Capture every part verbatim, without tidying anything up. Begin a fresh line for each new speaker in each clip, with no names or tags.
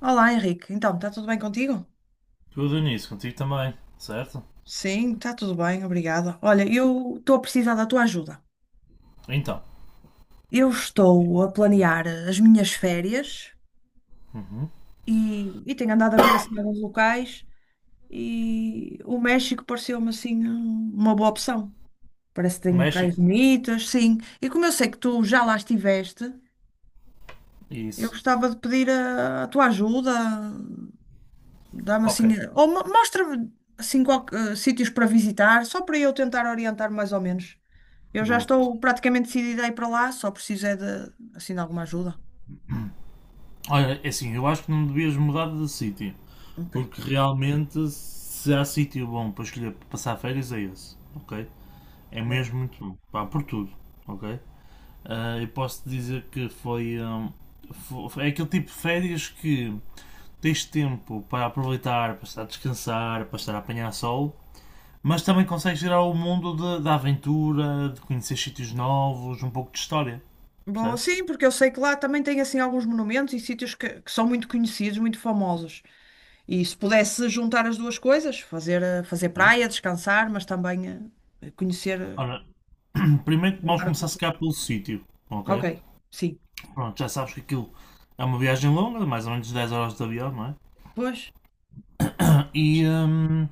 Olá, Henrique. Então, está tudo bem contigo?
Tudo nisso, contigo também, certo?
Sim, está tudo bem, obrigada. Olha, eu estou a precisar da tua ajuda.
Então,
Eu estou a planear as minhas férias
uhum.
e, e tenho andado a ver assim alguns locais e o México pareceu-me assim uma boa opção. Parece que tem praias
México,
bonitas, sim. E como eu sei que tu já lá estiveste, eu
isso.
gostava de pedir a, a tua ajuda, dá-me
Ok,
assim, ou mo- mostra-me assim qual, eh, sítios para visitar, só para eu tentar orientar mais ou menos. Eu já
boa.
estou praticamente decidida a ir para lá, só preciso é de, assim, de alguma ajuda.
Olha, é assim, eu acho que não devias mudar de sítio,
Ok,
porque realmente se há sítio bom para escolher para passar férias é esse, ok? É
boa.
mesmo muito bom, pá, por tudo, ok? Ah, eu posso dizer que foi, hum, fo- É aquele tipo de férias que tens tempo para aproveitar, para estar a descansar, para estar a apanhar sol, mas também consegues gerar o mundo de- da aventura, de conhecer sítios novos, um pouco de história.
Boa,
Percebes?
sim, porque eu sei que lá também tem, assim, alguns monumentos e sítios que, que são muito conhecidos, muito famosos. E se pudesse juntar as duas coisas, fazer, eh, fazer
Certo.
praia, descansar, mas também eh, conhecer eh,
Ora, primeiro
melhor
vamos
a
começar se
cultura.
calhar pelo sítio,
Ok,
ok?
sim.
Pronto, já sabes que aquilo é uma viagem longa, de mais ou menos dez horas de avião, não é?
Pois,
E hum,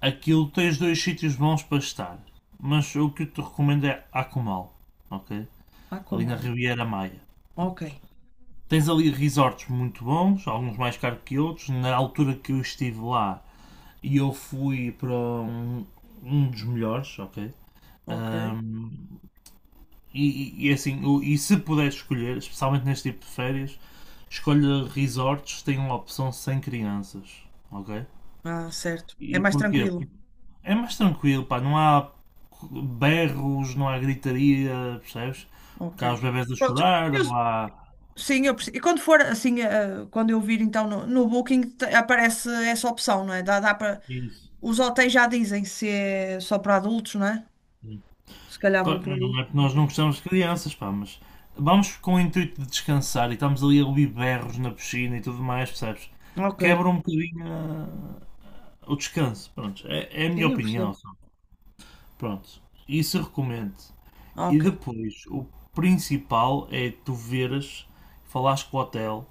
aquilo tens dois sítios bons para estar, mas o que eu te recomendo é Akumal, ok?
há
Ali
como
na
há.
Riviera Maia. Pronto.
Ok,
Tens ali resorts muito bons, alguns mais caros que outros. Na altura que eu estive lá, e eu fui para um, um dos melhores, ok?
ok.
Um, e, e, assim, o- e se puder escolher, especialmente neste tipo de férias, escolha resorts que tenham a opção sem crianças, ok?
Ah, certo. É
E
mais
porquê?
tranquilo.
É mais tranquilo, pá, não há berros, não há gritaria, percebes? Porque
Ok.
há os bebés a
Pronto,
chorar,
eu,
não há.
sim, eu percebo. E quando for assim, eh, quando eu vir então no, no Booking, te- aparece essa opção, não é? Dá, dá para...
Isso.
Os hotéis já dizem se é só para adultos, não é? Se calhar vou
Claro,
por
não
aí.
é que nós não gostamos de crianças, pá, mas vamos com o intuito de descansar e estamos ali a ouvir berros na piscina e tudo mais, percebes?
Ok.
Quebra um bocadinho ah, o descanso, pronto. É, é a minha
Sim, eu
opinião,
percebo.
sabe? Pronto. Isso eu recomendo. E
Ok,
depois, o principal é tu veres, falares com o hotel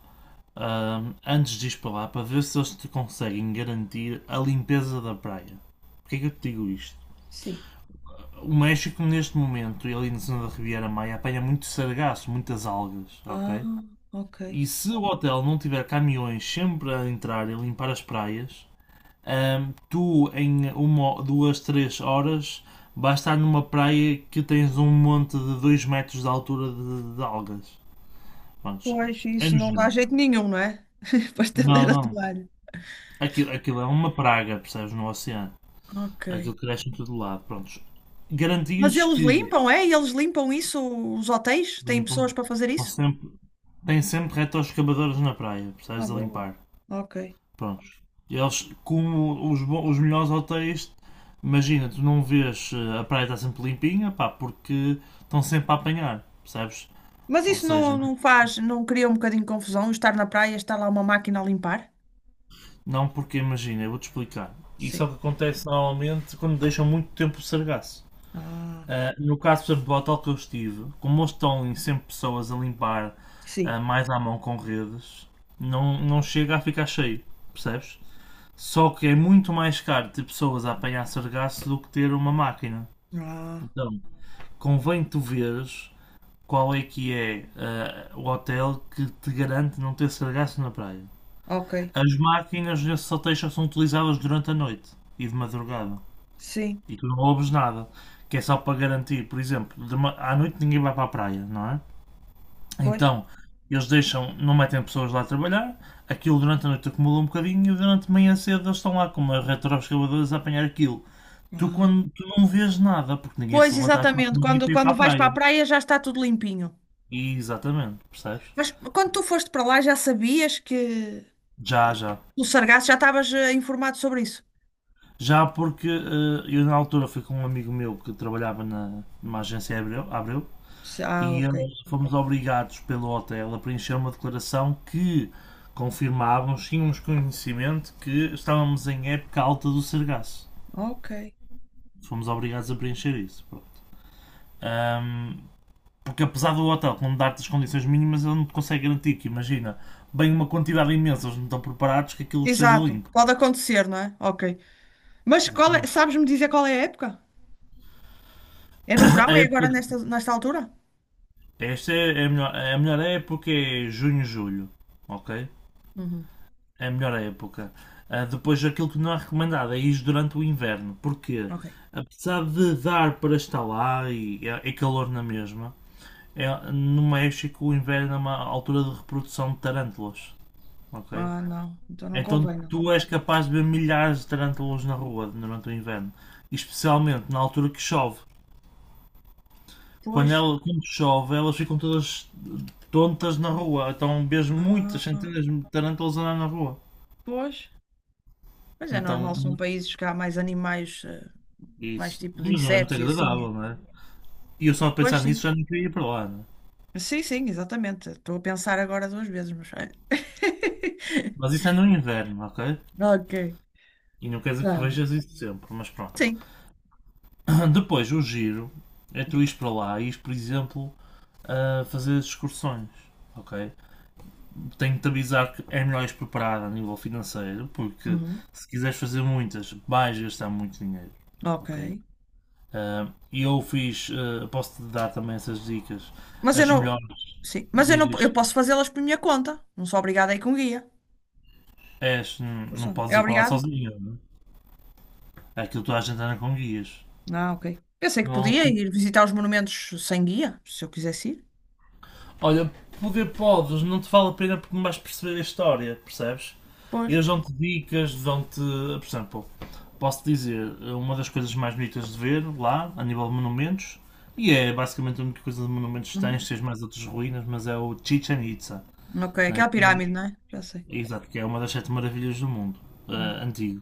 ah, antes de ir para lá para ver se eles te conseguem garantir a limpeza da praia. Porquê é que eu te digo isto?
sim.
O México, neste momento, e ali na zona da Riviera Maia, apanha muito sargaço, muitas algas,
Ah,
ok?
ok.
E se o hotel não tiver caminhões sempre a entrar e limpar as praias, hum, tu, em uma, duas, três horas, vais estar numa praia que tens um monte de dois metros de altura de, de algas. Vamos,
Pois,
é
isso não dá
nojento.
jeito nenhum, não é? Para estender
Não,
a
não.
toalha.
Aquilo, aquilo é uma praga, percebes, no oceano.
Ok.
Aquilo cresce em todo lado. Prontos.
Mas
Garantias
eles
que
limpam, é? Eles limpam isso, os hotéis? Têm
bem,
pessoas
bom,
para fazer
estão
isso?
sempre, têm sempre retroescavadores na praia,
Ah,
precisas de
bom.
limpar.
Ok.
Prontos. Eles, como os, bo- os melhores hotéis, imagina, tu não vês eh, a praia está sempre limpinha, pá, porque estão sempre a apanhar, percebes?
Mas
Ou
isso não,
seja,
não faz, não cria um bocadinho de confusão estar na praia, estar lá uma máquina a limpar?
não porque imagina, eu vou-te explicar. Isso é o
Sim.
que acontece normalmente quando deixam muito tempo o sargaço.
Ah,
Uh, no caso, por exemplo, do hotel que eu estive, como eles estão em cem pessoas a limpar
sim.
uh, mais à mão com redes, não, não chega a ficar cheio, percebes? Só que é muito mais caro ter pessoas a apanhar sargaço do que ter uma máquina.
Ah,
Então, convém tu veres qual é que é uh, o hotel que te garante não ter sargaço na praia.
ok.
As máquinas nesses hotéis só são utilizadas durante a noite e de madrugada.
Sim,
E tu não ouves nada. Que é só para garantir, por exemplo, de ma- à noite ninguém vai para a praia, não é?
pois.
Então, eles deixam, não metem pessoas lá a trabalhar, aquilo durante a noite acumula um bocadinho e durante a manhã cedo eles estão lá com uma retroescavadora a apanhar aquilo. Tu,
Ah.
quando, tu não vês nada, porque ninguém
Pois,
se levanta às quatro
exatamente.
da manhã
Quando,
para ir para
quando
a
vais para a
praia.
praia já está tudo limpinho.
E, exatamente, percebes?
Mas quando tu foste para lá já sabias que
Já, já.
o sargaço já estavas eh, informado sobre isso?
Já porque eh, eu na altura fui com um amigo meu que trabalhava na, numa agência Abreu, Abreu
Se- Ah,
e
ok.
eles fomos obrigados pelo hotel a preencher uma declaração que confirmávamos, tínhamos conhecimento que estávamos em época alta do sargaço.
Ok.
Fomos obrigados a preencher isso. Pronto. Ahm, Porque apesar do hotel não dar-te as condições mínimas, ele não te consegue garantir que, imagina, bem uma quantidade imensa, eles não estão preparados que aquilo esteja
Exato.
limpo.
Pode acontecer, não é? Ok. Mas qual é,
Exatamente.
sabes-me dizer qual é a época? É no verão?
A
É
época,
agora nesta, nesta altura?
esta é a melhor, a melhor época é junho, julho, ok?
Uhum.
É a melhor época. Ah, depois, aquilo que não é recomendado é ir durante o inverno, porque
Ok.
apesar de dar para estar lá e é, é calor na mesma, é, no México o inverno é uma altura de reprodução de tarântulas, ok?
Ah, não. Então não
Então
convém, não.
tu és capaz de ver milhares de tarântulas na rua durante o inverno, especialmente na altura que chove.
Pois.
Quando, ela, quando chove, elas ficam todas tontas na rua, então vês muitas
Ah,
centenas de tarântulas andar na rua.
pois. Mas é
Então,
normal, são países que há mais animais, eh, mais
isso.
tipos de
Mas não é muito
insetos e assim. É.
agradável, não é? E eu só a
Pois
pensar nisso
sim.
já não queria ir para lá, não é?
Sim, sim, exatamente. Estou a pensar agora duas vezes, mas.
Mas isso é no inverno, ok?
Ok.
E não quer
Tá,
dizer que
bem.
vejas isso sempre, mas pronto.
Sim.
Depois, o giro é tu
Diz.
ires para lá e ires, por exemplo, a fazer as excursões, ok? Tenho-te a avisar que é melhor ires preparado a nível financeiro, porque
Uhum.
se quiseres fazer muitas, vais gastar muito dinheiro,
Ok.
ok? Ah, E eu fiz, ah, posso-te dar também essas dicas,
Mas eu
as
não.
melhores,
Sim. Mas eu não.
dizes,
Eu posso fazê-las por minha conta. Não sou obrigada a ir com guia.
és, não não
Porção.
podes
É
ir para lá
obrigado?
sozinho, não é? Aquilo toda a gente anda com guias.
Ah, ok. Pensei que
Não,
podia ir
fico-
visitar os monumentos sem guia, se eu quisesse ir.
olha, poder podes, não te vale a pena porque não vais perceber a história, percebes?
Pois.
Eles dão-te dicas, dão-te. Por exemplo, posso dizer, uma das coisas mais bonitas de ver lá, a nível de monumentos, e é basicamente a única coisa de monumentos que
Uhum.
tens, tens mais outras ruínas, mas é o Chichen Itza,
Ok,
né?
aquela
Que, é,
pirâmide, não é? Já sei.
exato, que é uma das sete maravilhas do mundo, eh,
Hum,
antiga.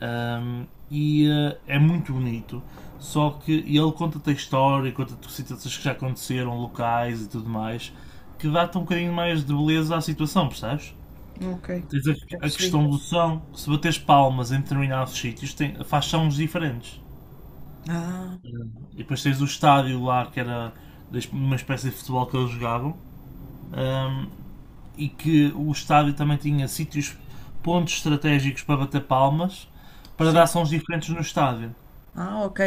Um, e uh, é muito bonito. Só que ele conta-te a história, conta-te situações que já aconteceram, locais e tudo mais, que dá-te um bocadinho mais de beleza à situação, percebes?
ok,
Tens
já
a, a
percebi.
questão do som, se bateres palmas em determinados sítios, tem, faz sons diferentes.
Ah,
E depois tens o estádio lá, que era uma espécie de futebol que eles jogavam, um, e que o estádio também tinha sítios, pontos estratégicos para bater palmas, para dar
sim.
sons diferentes no estádio.
Ah, ok.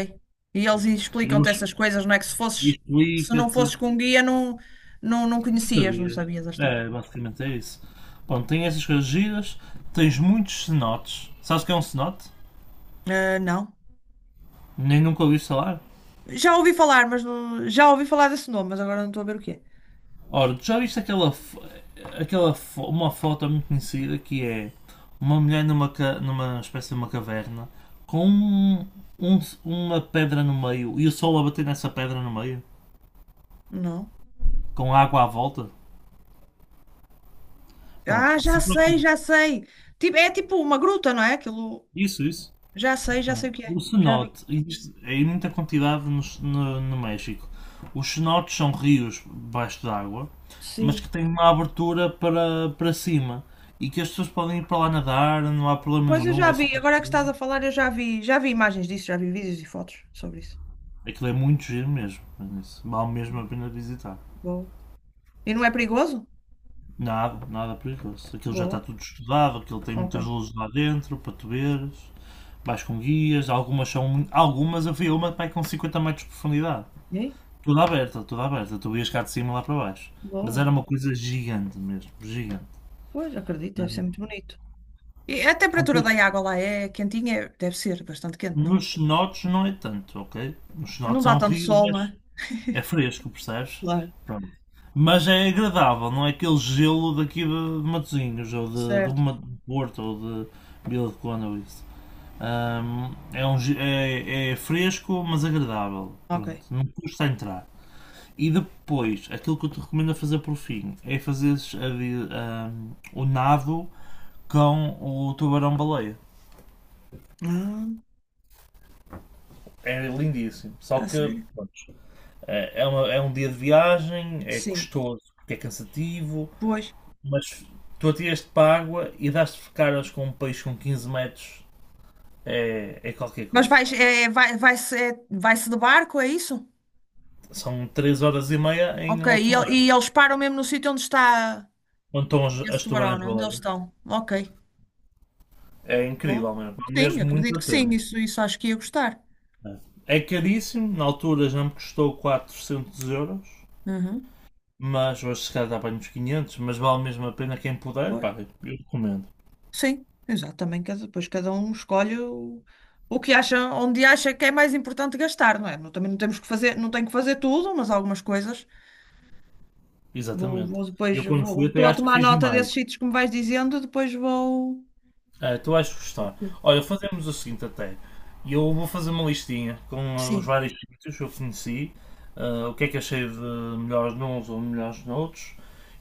E eles
E
explicam-te
eles
essas coisas, não é? Que se fosses, se não
explica-te. Não
fosses com um guia, não, não, não conhecias, não
sabias.
sabias a história.
É, basicamente é isso. Bom, tem essas coisas giras, tens muitos cenotes. Sabes o que é um cenote?
Ah, não.
Nem nunca ouvi falar.
Já ouvi falar, mas não- já ouvi falar desse nome, mas agora não estou a ver o que é.
Ora, tu já viste aquela, aquela uma foto muito conhecida que é uma mulher numa, numa espécie de uma caverna com um- um- uma pedra no meio e o sol a bater nessa pedra no meio
Não.
com água à volta?
Ah,
Prontos,
já
se
sei,
preocupa.
já sei. Tipo, é tipo uma gruta, não é? Aquilo.
Isso, isso.
Já sei, já
Bom,
sei o que
o
é. Já vi.
cenote, existe em muita quantidade no, no- no México. Os cenotes são rios debaixo d'água, mas
Sim.
que têm uma abertura para, para cima e que as pessoas podem ir para lá nadar, não há problema
Pois eu
nenhum,
já
é
vi,
super
agora que
seguro.
estás a falar, eu já vi, já vi imagens disso, já vi vídeos e fotos sobre isso.
Aquilo é muito giro mesmo, isso vale mesmo a pena visitar.
Boa. E não é perigoso?
Nada, nada perigoso. Aquilo já está
Boa.
tudo estudado, aquilo tem
Ok.
muitas luzes lá dentro para tu veres. Vais com guias, algumas são, muito- algumas havia uma que vai com cinquenta metros de profundidade.
E aí?
Tudo aberta, tudo aberta. Tu ias cá de cima lá para baixo. Mas
Boa.
era uma coisa gigante mesmo, gigante.
Pois, acredito, deve ser
Ah,
muito bonito. E a
ok.
temperatura da água lá é quentinha? É- Deve ser bastante quente, não?
Nos cenotes não é tanto, ok? Nos
Pois. Não
cenotes é
dá
um
tanto
rio,
sol, não
mas
é?
é fresco, percebes?
Claro.
Pronto. Mas é agradável, não é aquele gelo daqui de de Matosinhos, ou de, de
Certo.
Ma- de Porto, ou de Vila de Conde, ou isso. Ahm, é, um, ge- é, é fresco, mas agradável.
Ok.
Pronto, não custa entrar. E depois, aquilo que eu te recomendo a fazer por fim é fazeres a o nado com o tubarão-baleia.
Ah,
É lindíssimo. Só
a
que
sério?
pronto, é, é uma- é um dia de viagem, é
Sim.
custoso porque é cansativo,
Pois.
mas tu atiras-te para a água e dás-te caras com um peixe com quinze metros. É, é qualquer
Mas
coisa.
vais, é, vai, vai-se, é- vai-se de barco, é isso?
São três horas e meia em
Ok.
alto
E, el- e
mar,
eles param mesmo no sítio onde está
onde estão as,
esse
as
tubarão, não? É? Onde eles
tubarões-baleia.
estão. Ok.
É incrível
Bom,
mesmo, vale
sim,
mesmo muito
acredito
a
que sim.
pena.
Isso, isso acho que ia gostar.
É caríssimo, na altura já me custou quatrocentos euros,
Uhum.
mas hoje se calhar dá bem uns quinhentos, mas vale mesmo a pena quem puder,
Pois.
pá, eu recomendo.
Sim, exato. Também cada, depois cada um escolhe o, o que acha, onde acha que é mais importante gastar, não é? Não- Também não temos que fazer, não tenho que fazer tudo, mas algumas coisas. Vou,
Exatamente.
vou depois,
Eu quando fui
vou, estou
até
a
acho que
tomar
fiz
nota
demais.
desses sítios que me vais dizendo, depois vou.
Ah, tu vais gostar.
Ok.
Olha, fazemos o seguinte até. Eu vou fazer uma listinha com ah, os
Sim,
vários sítios que eu conheci, ah, o que é que achei de melhores nuns ou melhores noutros,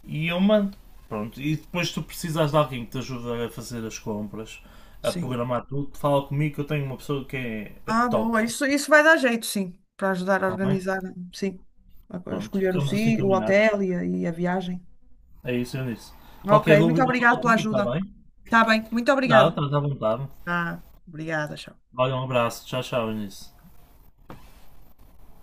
e eu mando. Pronto, e depois se tu precisas de alguém que te ajude a fazer as compras, a
sim.
programar tudo, fala comigo que eu tenho uma pessoa que é, é
Ah, boa,
top,
isso, isso vai dar jeito, sim, para ajudar a
está bem?
organizar, sim, a, a
Pronto,
escolher o
ficamos assim
sítio, o
combinados.
hotel e a, e a viagem.
É isso, eu disse.
Ok,
Qualquer
muito
dúvida,
obrigada
fala
pela
comigo, está
ajuda.
bem?
Está bem, muito
Nada,
obrigada.
estás à vontade.
Ah, obrigada.
Olha, um abraço, tchau, tchau, Eunice.